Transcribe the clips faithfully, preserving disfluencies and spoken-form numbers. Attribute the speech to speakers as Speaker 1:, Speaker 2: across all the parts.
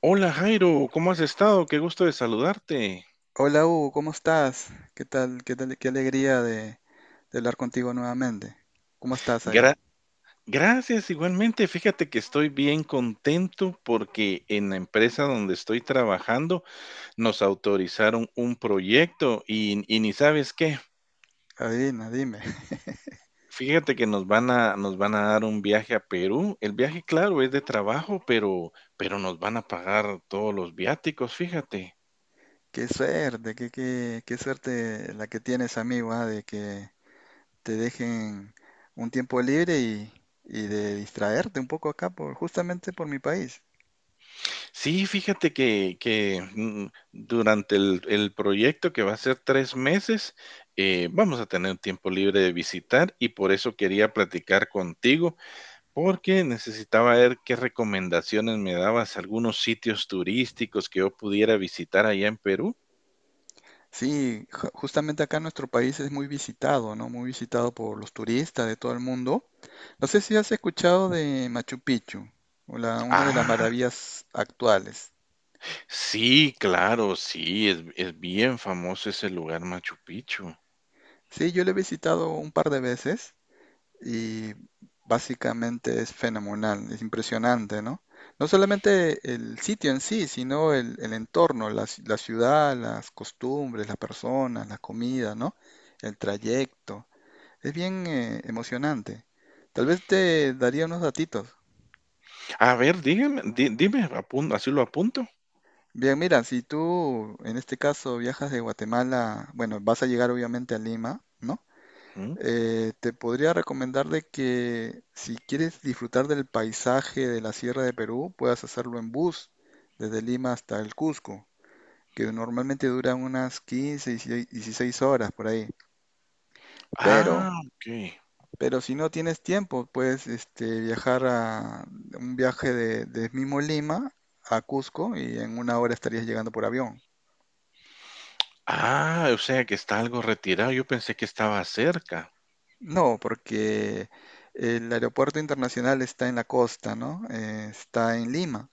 Speaker 1: Hola Jairo, ¿cómo has estado? Qué gusto de saludarte.
Speaker 2: Hola Hugo, ¿cómo estás? ¿Qué tal? ¿Qué tal? Qué alegría de, de hablar contigo nuevamente. ¿Cómo estás ahí?
Speaker 1: Gra- Gracias, igualmente. Fíjate que estoy bien contento porque en la empresa donde estoy trabajando nos autorizaron un proyecto y, y ni sabes qué.
Speaker 2: Adivina, dime.
Speaker 1: Fíjate que nos van a, nos van a dar un viaje a Perú. El viaje, claro, es de trabajo, pero, pero nos van a pagar todos los viáticos, fíjate.
Speaker 2: Qué suerte, qué, qué, qué suerte la que tienes, amigo, ah, de que te dejen un tiempo libre y, y de distraerte un poco acá por, justamente por mi país.
Speaker 1: Sí, fíjate que que, mm, durante el el proyecto, que va a ser tres meses, eh, vamos a tener tiempo libre de visitar, y por eso quería platicar contigo, porque necesitaba ver qué recomendaciones me dabas, algunos sitios turísticos que yo pudiera visitar allá en Perú.
Speaker 2: Sí, ju- justamente acá nuestro país es muy visitado, ¿no? Muy visitado por los turistas de todo el mundo. No sé si has escuchado de Machu Picchu, o la- una de las
Speaker 1: Ah,
Speaker 2: maravillas actuales.
Speaker 1: sí, claro, sí, es es bien famoso ese lugar, Machu Picchu.
Speaker 2: Sí, yo lo he visitado un par de veces y básicamente es fenomenal, es impresionante, ¿no? No solamente el sitio en sí, sino el, el entorno, la, ci- la ciudad, las costumbres, las personas, la comida, ¿no? El trayecto. Es bien eh, emocionante. Tal vez te daría unos datitos.
Speaker 1: A ver, dígame, di dime, apun así lo apunto.
Speaker 2: Bien, mira, si tú en este caso viajas de Guatemala, bueno, vas a llegar obviamente a Lima, ¿no?
Speaker 1: Ujú.
Speaker 2: Eh, te podría recomendar de que si quieres disfrutar del paisaje de la Sierra de Perú, puedas hacerlo en bus desde Lima hasta el Cusco, que normalmente duran unas quince, 16 16 horas por ahí. Pero,
Speaker 1: Ah, okey.
Speaker 2: pero si no tienes tiempo, puedes este, viajar a un viaje de, de mismo Lima a Cusco y en una hora estarías llegando por avión.
Speaker 1: Ah, o sea que está algo retirado. Yo pensé que estaba cerca.
Speaker 2: No, porque el, aeropuerto internacional está en la costa, ¿no? Eh, está en Lima.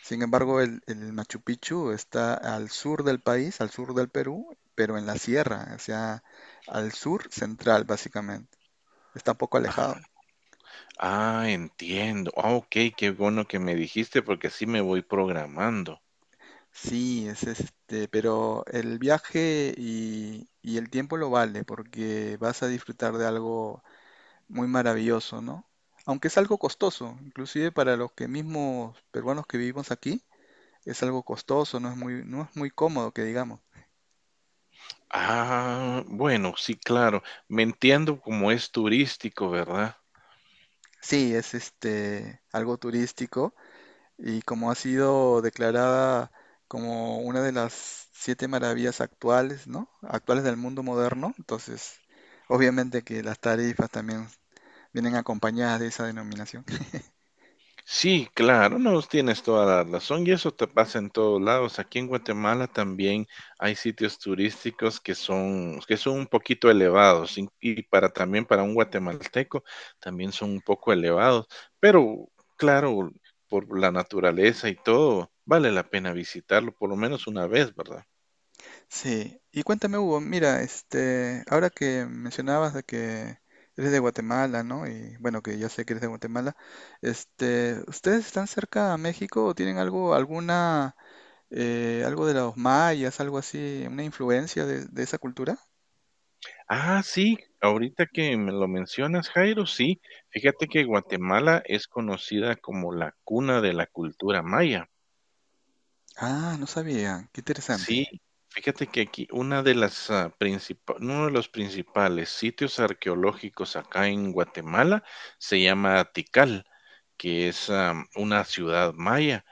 Speaker 2: Sin embargo, el, el Machu Picchu está al sur del país, al sur del Perú, pero en la sierra, o sea, al sur central, básicamente. Está un poco
Speaker 1: Ah,
Speaker 2: alejado.
Speaker 1: ah, entiendo. Ah, ok, qué bueno que me dijiste porque así me voy programando.
Speaker 2: Sí, es este, pero el viaje y, y el tiempo lo vale, porque vas a disfrutar de algo muy maravilloso, ¿no? Aunque es algo costoso, inclusive para los que mismos peruanos que vivimos aquí, es algo costoso, no es muy, no es muy cómodo que digamos.
Speaker 1: Ah, bueno, sí, claro. Me entiendo como es turístico, ¿verdad?
Speaker 2: Sí, es este algo turístico y como ha sido declarada como una de las siete maravillas actuales, ¿no? Actuales del mundo moderno, entonces obviamente que las tarifas también vienen acompañadas de esa denominación.
Speaker 1: Sí, claro, no, tienes toda la razón y eso te pasa en todos lados. Aquí en Guatemala también hay sitios turísticos que son, que son un poquito elevados y y para también para un guatemalteco también son un poco elevados, pero claro, por la naturaleza y todo, vale la pena visitarlo por lo menos una vez, ¿verdad?
Speaker 2: Sí, y cuéntame Hugo, mira, este, ahora que mencionabas de que eres de Guatemala, ¿no? Y bueno, que ya sé que eres de Guatemala, este, ¿ustedes están cerca a México o tienen algo, alguna, eh, algo de los mayas, algo así, una influencia de de esa cultura?
Speaker 1: Ah, sí, ahorita que me lo mencionas, Jairo, sí, fíjate que Guatemala es conocida como la cuna de la cultura maya.
Speaker 2: Ah, no sabía. Qué
Speaker 1: Sí,
Speaker 2: interesante.
Speaker 1: fíjate que aquí una de las, ah, principa uno de los principales sitios arqueológicos acá en Guatemala se llama Tikal, que es, am, una ciudad maya.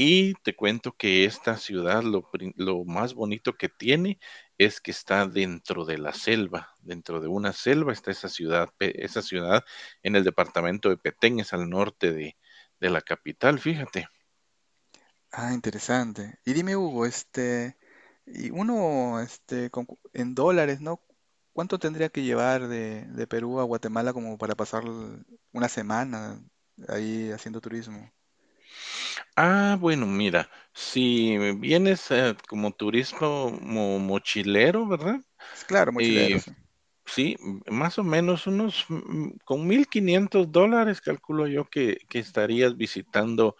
Speaker 1: Y te cuento que esta ciudad lo prin lo más bonito que tiene es que está dentro de la selva, dentro de una selva está esa ciudad, pe esa ciudad en el departamento de Petén, es al norte de de la capital, fíjate.
Speaker 2: Ah, interesante. Y dime, Hugo, este, y uno, este, con cu- en dólares, ¿no? ¿Cuánto tendría que llevar de, de Perú a Guatemala como para pasar l- una semana ahí haciendo turismo?
Speaker 1: Ah, bueno, mira, si vienes, eh, como turismo mo mochilero, ¿verdad?
Speaker 2: Es claro,
Speaker 1: Eh,
Speaker 2: mochileros.
Speaker 1: sí, m- más o menos unos, mm, con mil quinientos dólares, calculo yo que que estarías visitando,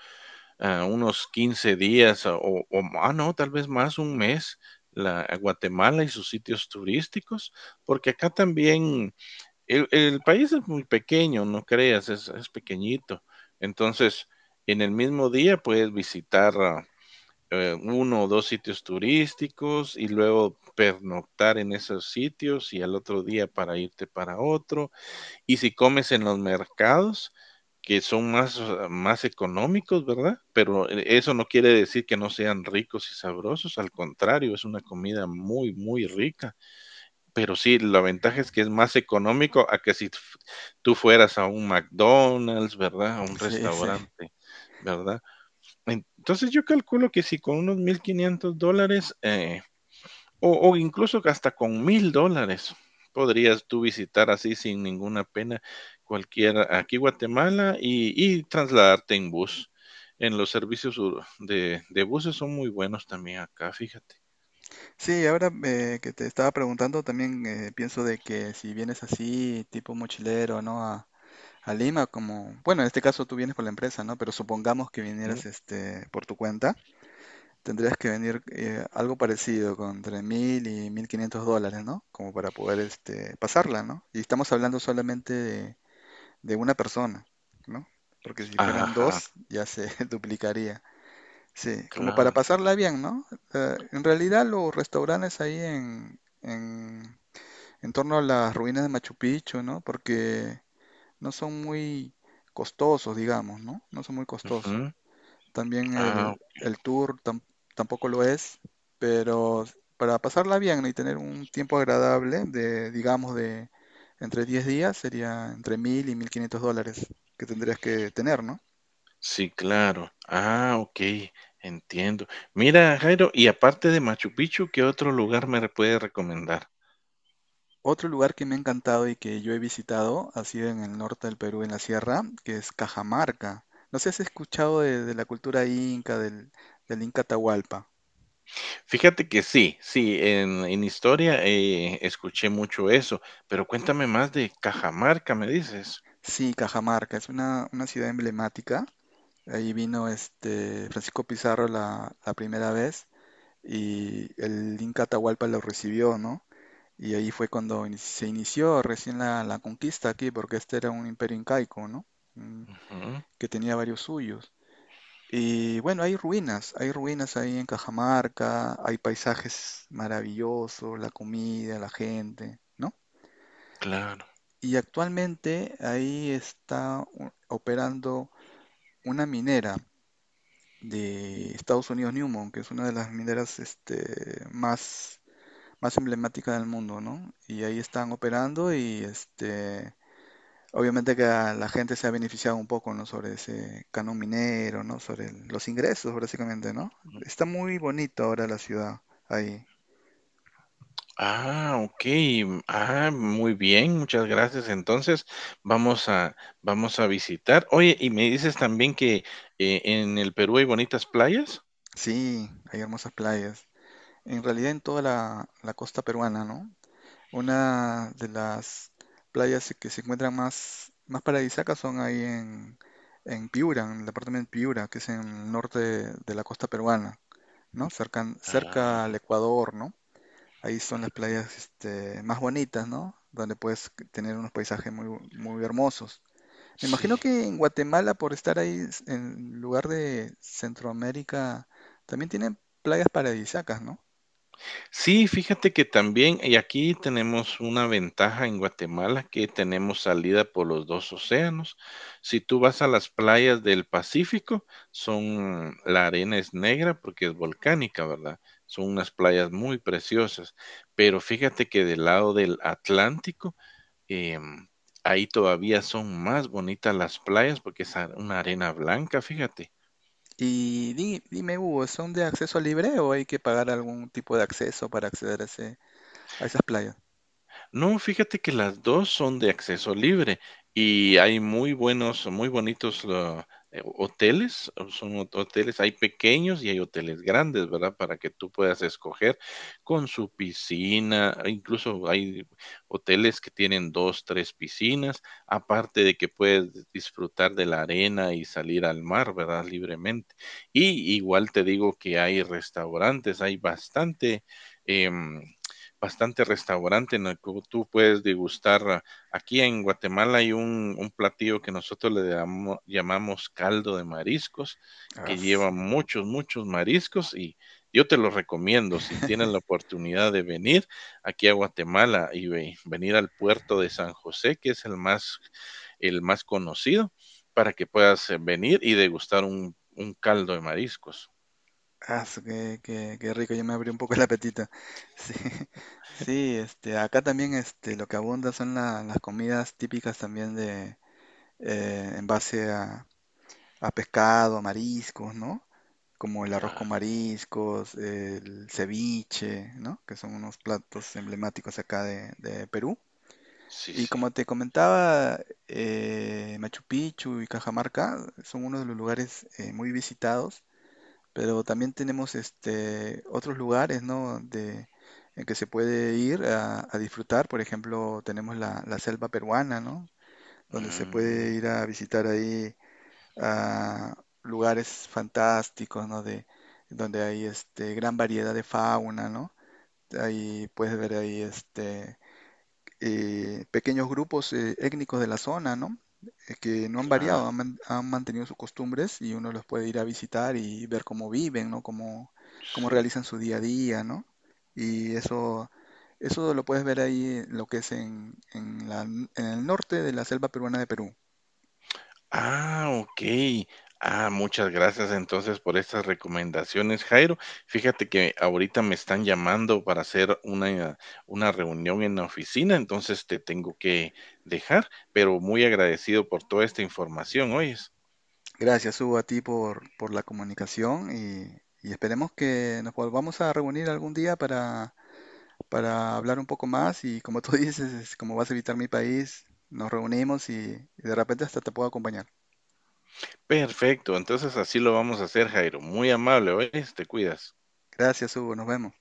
Speaker 1: ah, unos quince días ah, o o ma- ah, no, tal vez más, un mes, la a Guatemala y sus sitios turísticos, porque acá también el el país es muy pequeño, no creas, es es pequeñito. Entonces, en el mismo día puedes visitar ah, eh, uno o dos sitios turísticos y luego pernoctar en esos sitios y al otro día para irte para otro. Y si comes en los mercados, que son más, ah, más económicos, ¿verdad? Pero e- eso no quiere decir que no sean ricos y sabrosos, al contrario, es una comida muy, muy rica. Pero sí, la ventaja es que es más económico a que si f- tú fueras a un McDonald's, ¿verdad? A un
Speaker 2: Sí, sí, sí.
Speaker 1: restaurante, ¿verdad? Entonces yo calculo que si con unos mil quinientos dólares eh, o, o incluso que hasta con mil dólares podrías tú visitar así sin ninguna pena cualquier aquí Guatemala y, y trasladarte en bus. En los servicios ur- de, de buses son muy buenos también acá, fíjate,
Speaker 2: Sí, ahora eh, que te estaba preguntando, también eh, pienso de que si vienes así, tipo mochilero, ¿no? A, a Lima, como, bueno, en este caso tú vienes con la empresa, ¿no? Pero supongamos que
Speaker 1: ¿no?
Speaker 2: vinieras este, por tu cuenta. Tendrías que venir eh, algo parecido, con entre mil y mil quinientos dólares, ¿no? Como para poder este, pasarla, ¿no? Y estamos hablando solamente de, de una persona, ¿no? Porque si fueran
Speaker 1: Ajá,
Speaker 2: dos, ya se duplicaría. Sí, como para
Speaker 1: claro.
Speaker 2: pasarla bien, ¿no? Eh, en realidad los restaurantes ahí en, en, en torno a las ruinas de Machu Picchu, ¿no? Porque no son muy costosos, digamos, ¿no? No son muy costosos.
Speaker 1: Ujú.
Speaker 2: También el,
Speaker 1: Ah,
Speaker 2: el tour tam- tampoco lo es, pero para pasarla bien y tener un tiempo agradable de, digamos, de entre diez días sería entre mil y mil quinientos dólares que tendrías que tener, ¿no?
Speaker 1: sí, claro. Ah, ok, entiendo. Mira, Jairo, y aparte de Machu Picchu, ¿qué otro lugar me re- puede recomendar?
Speaker 2: Otro lugar que me ha encantado y que yo he visitado ha sido en el norte del Perú, en la sierra, que es Cajamarca. No sé si has escuchado de, de la cultura inca, del, del Inca Tahualpa.
Speaker 1: Fíjate que sí, sí, en en historia, eh, escuché mucho eso, pero cuéntame más de Cajamarca, ¿me dices?
Speaker 2: Sí, Cajamarca es una, una ciudad emblemática. Ahí vino este Francisco Pizarro la, la primera vez y el Inca Atahualpa lo recibió, ¿no? Y ahí fue cuando ini- se inició recién la, la conquista aquí, porque este era un imperio incaico, ¿no? Mm,
Speaker 1: Ujú,
Speaker 2: Que tenía varios suyos. Y bueno, hay ruinas, hay ruinas ahí en Cajamarca, hay paisajes maravillosos, la comida, la gente, ¿no?
Speaker 1: claro.
Speaker 2: Y actualmente ahí está u- operando una minera de Estados Unidos Newmont, que es una de las mineras este, más, más emblemáticas del mundo, ¿no? Y ahí están operando y este, obviamente que a la gente se ha beneficiado un poco, ¿no? Sobre ese canon minero, ¿no? Sobre el- los ingresos, básicamente, ¿no? Está muy bonito ahora la ciudad ahí.
Speaker 1: Ah, okey, mm, ah, muy bien, muchas gracias. Entonces, vamos a vamos a visitar. Oye, ¿y me dices también que, eh, en el Perú hay bonitas playas?
Speaker 2: Sí, hay hermosas playas. En realidad en toda la, la costa peruana, ¿no? Una de las playas que se encuentran más, más paradisíacas son ahí en, en Piura, en el departamento de Piura, que es en el norte de, de la costa peruana, ¿no? Cerca, cerca al
Speaker 1: Ah,
Speaker 2: Ecuador, ¿no? Ahí son las playas este, más bonitas, ¿no? Donde puedes tener unos paisajes muy, muy hermosos. Me imagino
Speaker 1: sí.
Speaker 2: que en Guatemala, por estar ahí en lugar de Centroamérica, también tienen playas paradisíacas, ¿no?
Speaker 1: Sí, fíjate que también, y aquí tenemos una ventaja en Guatemala, que tenemos salida por los dos océanos. Si tú vas a las playas del Pacífico, son la arena es negra porque es volcánica, ¿verdad? Son unas playas muy preciosas, pero fíjate que del lado del Atlántico, em, ahí todavía son más bonitas las playas porque es a- una arena blanca, fíjate.
Speaker 2: Y di- dime, Hugo, ¿son de acceso libre o hay que pagar algún tipo de acceso para acceder a, ese- a esas playas?
Speaker 1: No, fíjate que las dos son de acceso libre y hay muy buenos, muy bonitos, ah, eh, hoteles, o son ho hoteles, hay pequeños y hay hoteles grandes, ¿verdad? Para que tú puedas escoger con su piscina, e incluso hay hoteles que tienen dos, tres piscinas, aparte de que puedes disfrutar de la arena y salir al mar, ¿verdad? Libremente. Y igual te digo que hay restaurantes, hay bastante, em, bastante restaurante en el que tú puedes degustar. Ah, Aquí en Guatemala hay un, un platillo que nosotros le damo- llamamos caldo de mariscos,
Speaker 2: Ah,
Speaker 1: que lleva muchos, muchos mariscos y yo te lo recomiendo si tienes la oportunidad de venir aquí a Guatemala y ve- venir al puerto de San José, que es el más, el más conocido, para que puedas eh, venir y degustar un, un caldo de mariscos.
Speaker 2: as, qué, qué- qué rico, ya me abrió un poco el apetito. Sí, sí, este, acá también este, lo que abunda son la- las comidas típicas también de, eh, en base a, a pescado, mariscos, ¿no? Como el arroz con
Speaker 1: Claro,
Speaker 2: mariscos, el ceviche, ¿no? Que son unos platos emblemáticos acá de de Perú.
Speaker 1: sí,
Speaker 2: Y
Speaker 1: sí.
Speaker 2: como te comentaba, eh, Machu Picchu y Cajamarca son uno de los lugares eh, muy visitados, pero también tenemos este, otros lugares, ¿no? de- en que se puede ir a, a disfrutar. Por ejemplo, tenemos la, la selva peruana, ¿no? Donde se
Speaker 1: Mm,
Speaker 2: puede ir a visitar ahí a lugares fantásticos, ¿no? De, donde hay este, gran variedad de fauna, ¿no? Ahí puedes ver ahí este, eh, pequeños grupos eh, étnicos de la zona, ¿no? Eh, que no han
Speaker 1: claro,
Speaker 2: variado, han, man- han mantenido sus costumbres y uno los puede ir a visitar y ver cómo viven, ¿no? Cómo, cómo
Speaker 1: sí.
Speaker 2: realizan su día a día, ¿no? Y eso, eso lo puedes ver ahí, en lo que es en, en la- en el norte de la selva peruana de Perú.
Speaker 1: Ah, okey. Ah, muchas gracias, entonces, por estas recomendaciones, Jairo. Fíjate que ahorita me están llamando para hacer una una reunión en la oficina, entonces, te tengo que dejar, pero muy agradecido por toda esta información, ¿oyes?
Speaker 2: Gracias, Hugo, a ti por, por la comunicación y, y esperemos que nos volvamos a reunir algún día para para hablar un poco más y como tú dices, es como vas a visitar mi país, nos reunimos y, y de repente hasta te puedo acompañar.
Speaker 1: Perfecto, entonces, así lo vamos a hacer, Jairo. Muy amable, ¿oyes? Te cuidas.
Speaker 2: Gracias, Hugo, nos vemos.